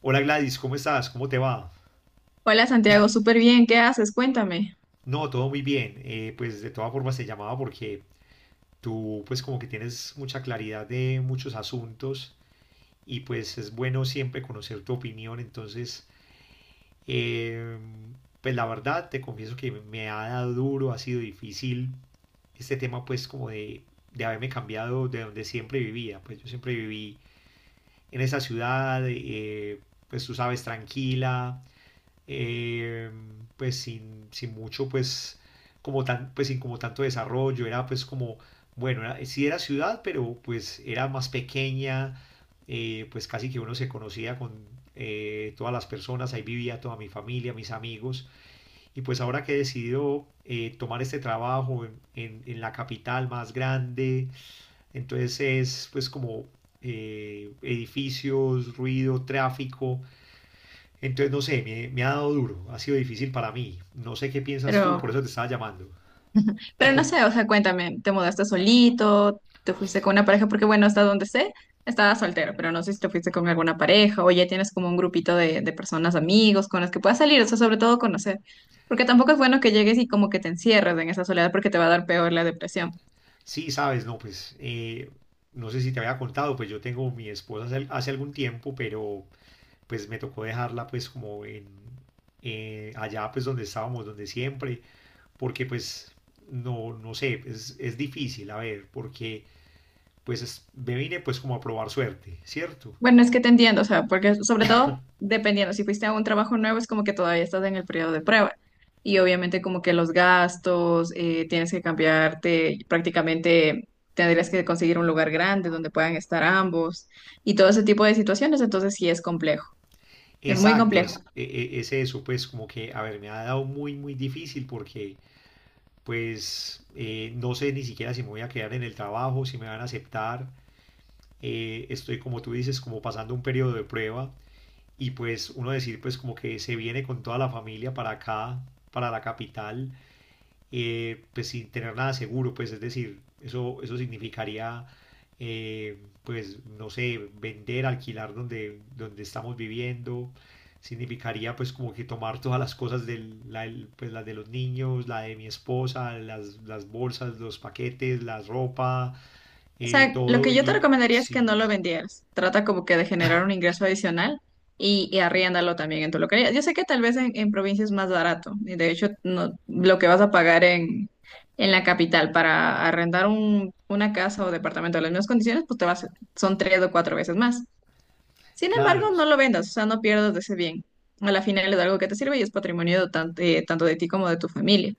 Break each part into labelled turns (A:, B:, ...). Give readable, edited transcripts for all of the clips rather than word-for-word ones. A: Hola Gladys, ¿cómo estás? ¿Cómo te va?
B: Hola Santiago, súper bien, ¿qué haces? Cuéntame.
A: No, todo muy bien. Pues de todas formas te llamaba porque tú pues como que tienes mucha claridad de muchos asuntos y pues es bueno siempre conocer tu opinión. Entonces, eh, pues la verdad te confieso que me ha dado duro, ha sido difícil este tema pues como de haberme cambiado de donde siempre vivía. Pues yo siempre viví en esa ciudad, pues tú sabes, tranquila eh, pues sin mucho, pues como tan, pues sin como tanto desarrollo, era pues como, bueno, sí era ciudad, pero pues era más pequeña, pues casi que uno se conocía con todas las personas, ahí vivía toda mi familia, mis amigos, y pues ahora que he decidido tomar este trabajo en la capital más grande, entonces es pues como edificios, ruido, tráfico, entonces, no sé, me ha dado duro, ha sido difícil para mí. No sé qué piensas
B: Pero,
A: tú, por eso te estaba llamando.
B: pero no sé, o sea, cuéntame, ¿te mudaste solito? ¿Te fuiste con una pareja? Porque bueno, hasta donde sé, estabas soltero, pero no sé si te fuiste con alguna pareja o ya tienes como un grupito de personas, amigos con las que puedas salir, o sea, sobre todo conocer. Porque tampoco es bueno que llegues y como que te encierres en esa soledad porque te va a dar peor la depresión.
A: Sí, sabes, no, pues, no sé si te había contado, pues yo tengo mi esposa hace, hace algún tiempo, pero pues me tocó dejarla pues como en, allá pues donde estábamos, donde siempre, porque pues no sé, es difícil, a ver, porque pues me vine pues como a probar suerte, ¿cierto?
B: Bueno, es que te entiendo, o sea, porque sobre todo dependiendo, si fuiste a un trabajo nuevo es como que todavía estás en el periodo de prueba y obviamente como que los gastos, tienes que cambiarte, prácticamente tendrías que conseguir un lugar grande donde puedan estar ambos y todo ese tipo de situaciones, entonces sí es complejo, es muy
A: Exacto,
B: complejo.
A: es, es eso, pues como que, a ver, me ha dado muy, muy difícil porque pues no sé ni siquiera si me voy a quedar en el trabajo, si me van a aceptar. Estoy como tú dices, como pasando un periodo de prueba y pues uno decir pues como que se viene con toda la familia para acá, para la capital pues sin tener nada seguro, pues es decir, eso significaría, eh, pues no sé, vender, alquilar donde, donde estamos viviendo, significaría pues como que tomar todas las cosas de la, pues, las de los niños, la de mi esposa, las bolsas, los paquetes, la ropa,
B: O sea, lo
A: todo
B: que yo te
A: y
B: recomendaría es que no
A: sí,
B: lo vendieras. Trata como que de generar un ingreso adicional y arriéndalo también en tu localidad. Yo sé que tal vez en provincia es más barato y de hecho no, lo que vas a pagar en la capital para arrendar una casa o departamento en las mismas condiciones, pues te vas, son tres o cuatro veces más. Sin embargo,
A: claro,
B: no lo vendas, o sea, no pierdas de ese bien. A la final es algo que te sirve y es patrimonio tanto, tanto de ti como de tu familia.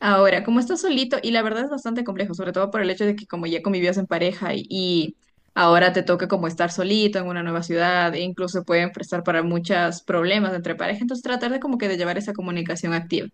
B: Ahora, como estás solito, y la verdad es bastante complejo, sobre todo por el hecho de que como ya convivías en pareja y ahora te toca como estar solito en una nueva ciudad, e incluso pueden prestar para muchos problemas entre pareja, entonces tratar de como que de llevar esa comunicación activa.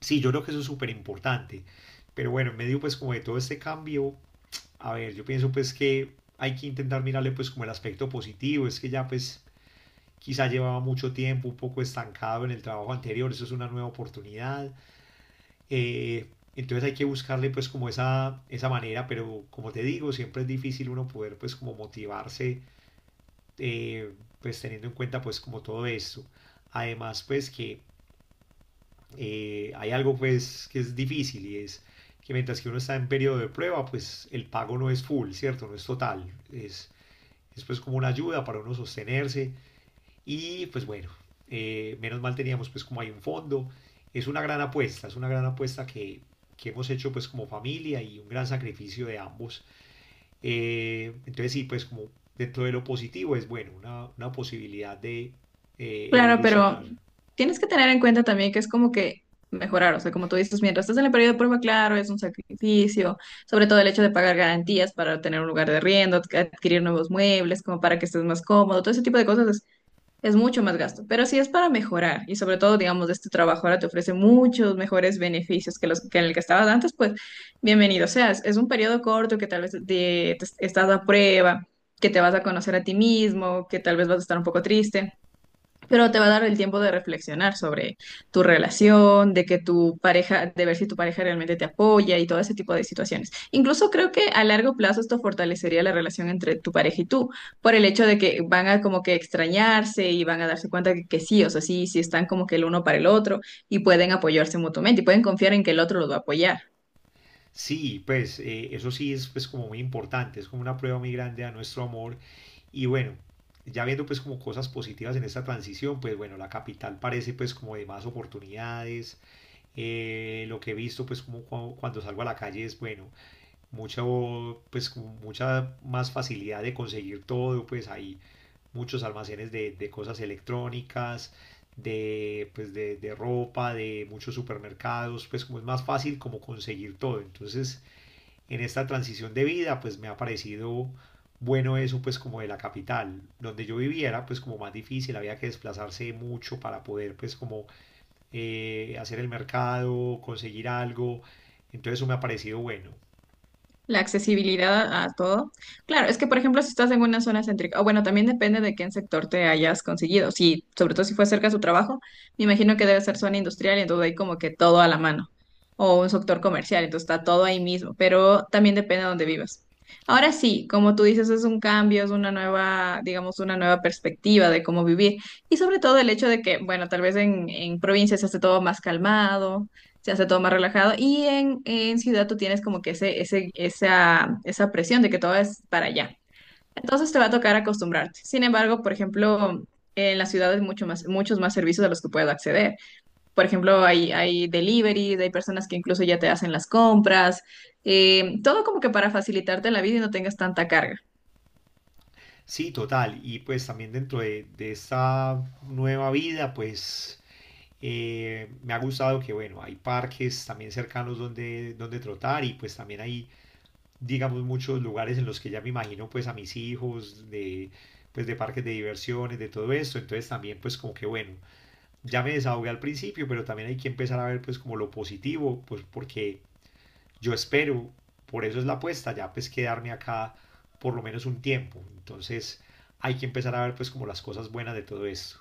A: sí, yo creo que eso es súper importante. Pero bueno, en medio pues como de todo este cambio, a ver, yo pienso pues que hay que intentar mirarle pues como el aspecto positivo, es que ya pues quizá llevaba mucho tiempo un poco estancado en el trabajo anterior, eso es una nueva oportunidad. Eh, entonces hay que buscarle pues como esa manera, pero como te digo, siempre es difícil uno poder pues como motivarse eh, pues teniendo en cuenta pues como todo esto. Además pues que hay algo pues que es difícil y es que mientras que uno está en periodo de prueba pues el pago no es full, ¿cierto? No es total, es pues como una ayuda para uno sostenerse y pues bueno, menos mal teníamos pues como hay un fondo, es una gran apuesta, es una gran apuesta que hemos hecho pues como familia y un gran sacrificio de ambos. Entonces sí, pues como dentro de lo positivo es bueno, una posibilidad de
B: Claro, pero
A: evolucionar.
B: tienes que tener en cuenta también que es como que mejorar, o sea, como tú dices, mientras estás en el periodo de prueba, claro, es un sacrificio, sobre todo el hecho de pagar garantías para tener un lugar de arriendo, adquirir nuevos muebles, como para que estés más cómodo, todo ese tipo de cosas. Es mucho más gasto, pero sí es para mejorar y sobre todo, digamos, este trabajo ahora te ofrece muchos mejores beneficios que los que en el que estabas antes, pues bienvenido seas. Es un periodo corto que tal vez estás a prueba, que te vas a conocer a ti mismo, que tal vez vas a estar un poco triste pero te va a dar el tiempo de reflexionar sobre tu relación, de que tu pareja, de ver si tu pareja realmente te apoya y todo ese tipo de situaciones. Incluso creo que a largo plazo esto fortalecería la relación entre tu pareja y tú, por el hecho de que van a como que extrañarse y van a darse cuenta que sí, o sea, sí, sí están como que el uno para el otro y pueden apoyarse mutuamente y pueden confiar en que el otro los va a apoyar.
A: Sí, pues eso sí es pues como muy importante, es como una prueba muy grande a nuestro amor. Y bueno, ya viendo pues como cosas positivas en esta transición, pues bueno, la capital parece pues como de más oportunidades. Lo que he visto pues como cuando salgo a la calle es bueno, mucha oh, pues como mucha más facilidad de conseguir todo, pues hay muchos almacenes de cosas electrónicas, de pues de ropa, de muchos supermercados, pues como es más fácil como conseguir todo. Entonces en esta transición de vida, pues me ha parecido bueno eso, pues como de la capital, donde yo viviera, pues como más difícil, había que desplazarse mucho para poder, pues como hacer el mercado, conseguir algo, entonces eso me ha parecido bueno.
B: La accesibilidad a todo. Claro, es que por ejemplo, si estás en una zona céntrica, o bueno, también depende de qué en sector te hayas conseguido. Si, sobre todo si fue cerca de su trabajo, me imagino que debe ser zona industrial y entonces hay como que todo a la mano. O un sector comercial, entonces está todo ahí mismo, pero también depende de dónde vivas. Ahora sí, como tú dices, es un cambio, es una nueva, digamos, una nueva perspectiva de cómo vivir. Y sobre todo el hecho de que, bueno, tal vez en provincias se hace todo más calmado, se hace todo más relajado. Y en ciudad tú tienes como que esa presión de que todo es para allá. Entonces te va a tocar acostumbrarte. Sin embargo, por ejemplo, en las ciudades mucho más, muchos más servicios a los que puedo acceder. Por ejemplo, hay deliveries, hay personas que incluso ya te hacen las compras, todo como que para facilitarte la vida y no tengas tanta carga.
A: Sí, total, y pues también dentro de esta nueva vida, pues me ha gustado que, bueno, hay parques también cercanos donde, donde trotar y pues también hay digamos, muchos lugares en los que ya me imagino pues a mis hijos, de, pues de parques de diversiones, de todo esto. Entonces también pues como que bueno, ya me desahogué al principio, pero también hay que empezar a ver pues como lo positivo, pues porque yo espero, por eso es la apuesta, ya pues quedarme acá por lo menos un tiempo. Entonces hay que empezar a ver pues como las cosas buenas de todo esto.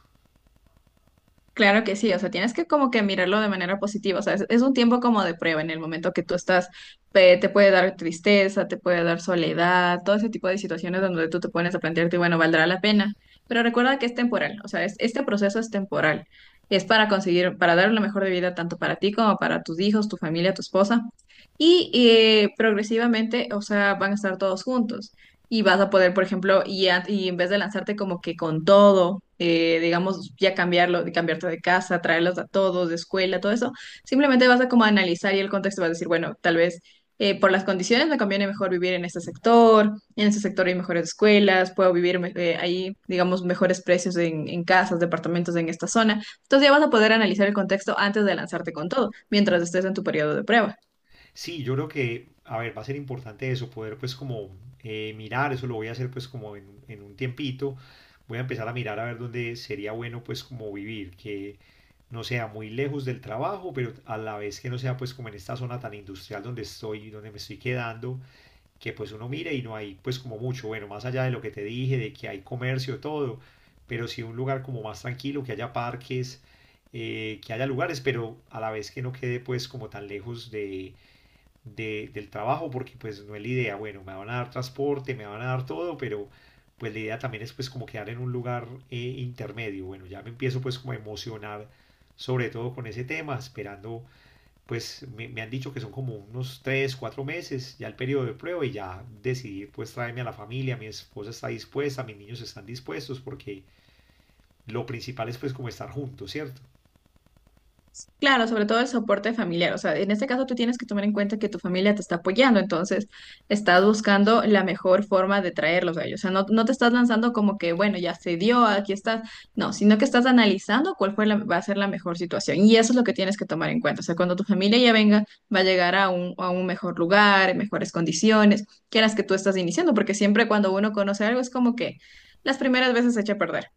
B: Claro que sí, o sea, tienes que como que mirarlo de manera positiva, o sea, es un tiempo como de prueba en el momento que tú estás, te puede dar tristeza, te puede dar soledad, todo ese tipo de situaciones donde tú te pones a plantearte, bueno, ¿valdrá la pena? Pero recuerda que es temporal, o sea, este proceso es temporal, es para conseguir, para dar lo mejor de vida tanto para ti como para tus hijos, tu familia, tu esposa, y progresivamente, o sea, van a estar todos juntos y vas a poder, por ejemplo, y en vez de lanzarte como que con todo, digamos, ya cambiarlo, de cambiarte de casa, traerlos a todos, de escuela, todo eso, simplemente vas a como analizar y el contexto vas a decir, bueno, tal vez por las condiciones me conviene mejor vivir en este sector hay mejores escuelas, puedo ahí, digamos, mejores precios en casas, departamentos en esta zona. Entonces ya vas a poder analizar el contexto antes de lanzarte con todo, mientras estés en tu periodo de prueba.
A: Sí, yo creo que, a ver, va a ser importante eso, poder pues como mirar, eso lo voy a hacer pues como en un tiempito, voy a empezar a mirar a ver dónde sería bueno pues como vivir, que no sea muy lejos del trabajo, pero a la vez que no sea pues como en esta zona tan industrial donde estoy, donde me estoy quedando, que pues uno mire y no hay pues como mucho, bueno, más allá de lo que te dije, de que hay comercio, todo, pero sí un lugar como más tranquilo, que haya parques, que haya lugares, pero a la vez que no quede pues como tan lejos de del trabajo porque pues no es la idea, bueno, me van a dar transporte, me van a dar todo, pero pues la idea también es pues como quedar en un lugar intermedio, bueno, ya me empiezo pues como a emocionar sobre todo con ese tema, esperando pues me han dicho que son como unos 3 o 4 meses ya el periodo de prueba y ya decidir pues traerme a la familia, mi esposa está dispuesta, mis niños están dispuestos porque lo principal es pues como estar juntos, ¿cierto?
B: Claro, sobre todo el soporte familiar. O sea, en este caso tú tienes que tomar en cuenta que tu familia te está apoyando, entonces estás buscando la mejor forma de traerlos a ellos. O sea, no, no te estás lanzando como que, bueno, ya se dio, aquí estás. No, sino que estás analizando cuál fue va a ser la mejor situación. Y eso es lo que tienes que tomar en cuenta. O sea, cuando tu familia ya venga, va a llegar a un mejor lugar, en mejores condiciones, que las que tú estás iniciando, porque siempre cuando uno conoce algo es como que las primeras veces se echa a perder.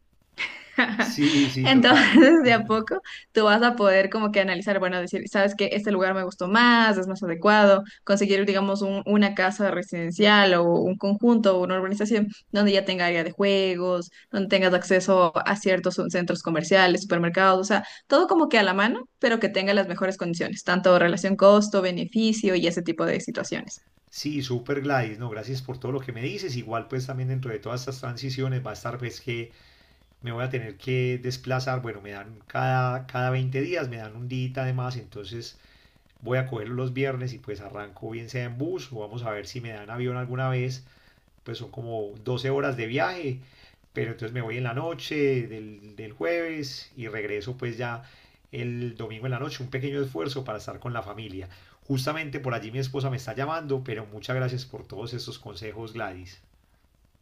A: Sí, sí, total.
B: Entonces, de a poco, tú vas a poder como que analizar, bueno, decir, sabes que este lugar me gustó más, es más adecuado, conseguir, digamos, una casa residencial o un conjunto o una urbanización donde ya tenga área de juegos, donde tengas acceso a ciertos centros comerciales, supermercados, o sea, todo como que a la mano, pero que tenga las mejores condiciones, tanto relación costo-beneficio y ese tipo de situaciones.
A: Sí, super Gladys, no, gracias por todo lo que me dices. Igual pues también dentro de todas estas transiciones va a estar pues que me voy a tener que desplazar, bueno, me dan cada 20 días, me dan un día además, entonces voy a cogerlo los viernes y pues arranco bien sea en bus o vamos a ver si me dan avión alguna vez pues son como 12 horas de viaje, pero entonces me voy en la noche del, del jueves y regreso pues ya el domingo en la noche, un pequeño esfuerzo para estar con la familia. Justamente por allí mi esposa me está llamando, pero muchas gracias por todos estos consejos, Gladys.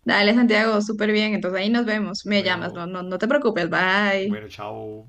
B: Dale, Santiago, súper bien, entonces ahí nos vemos, me llamas, no,
A: Bueno,
B: no, no te preocupes, bye.
A: bueno, chao.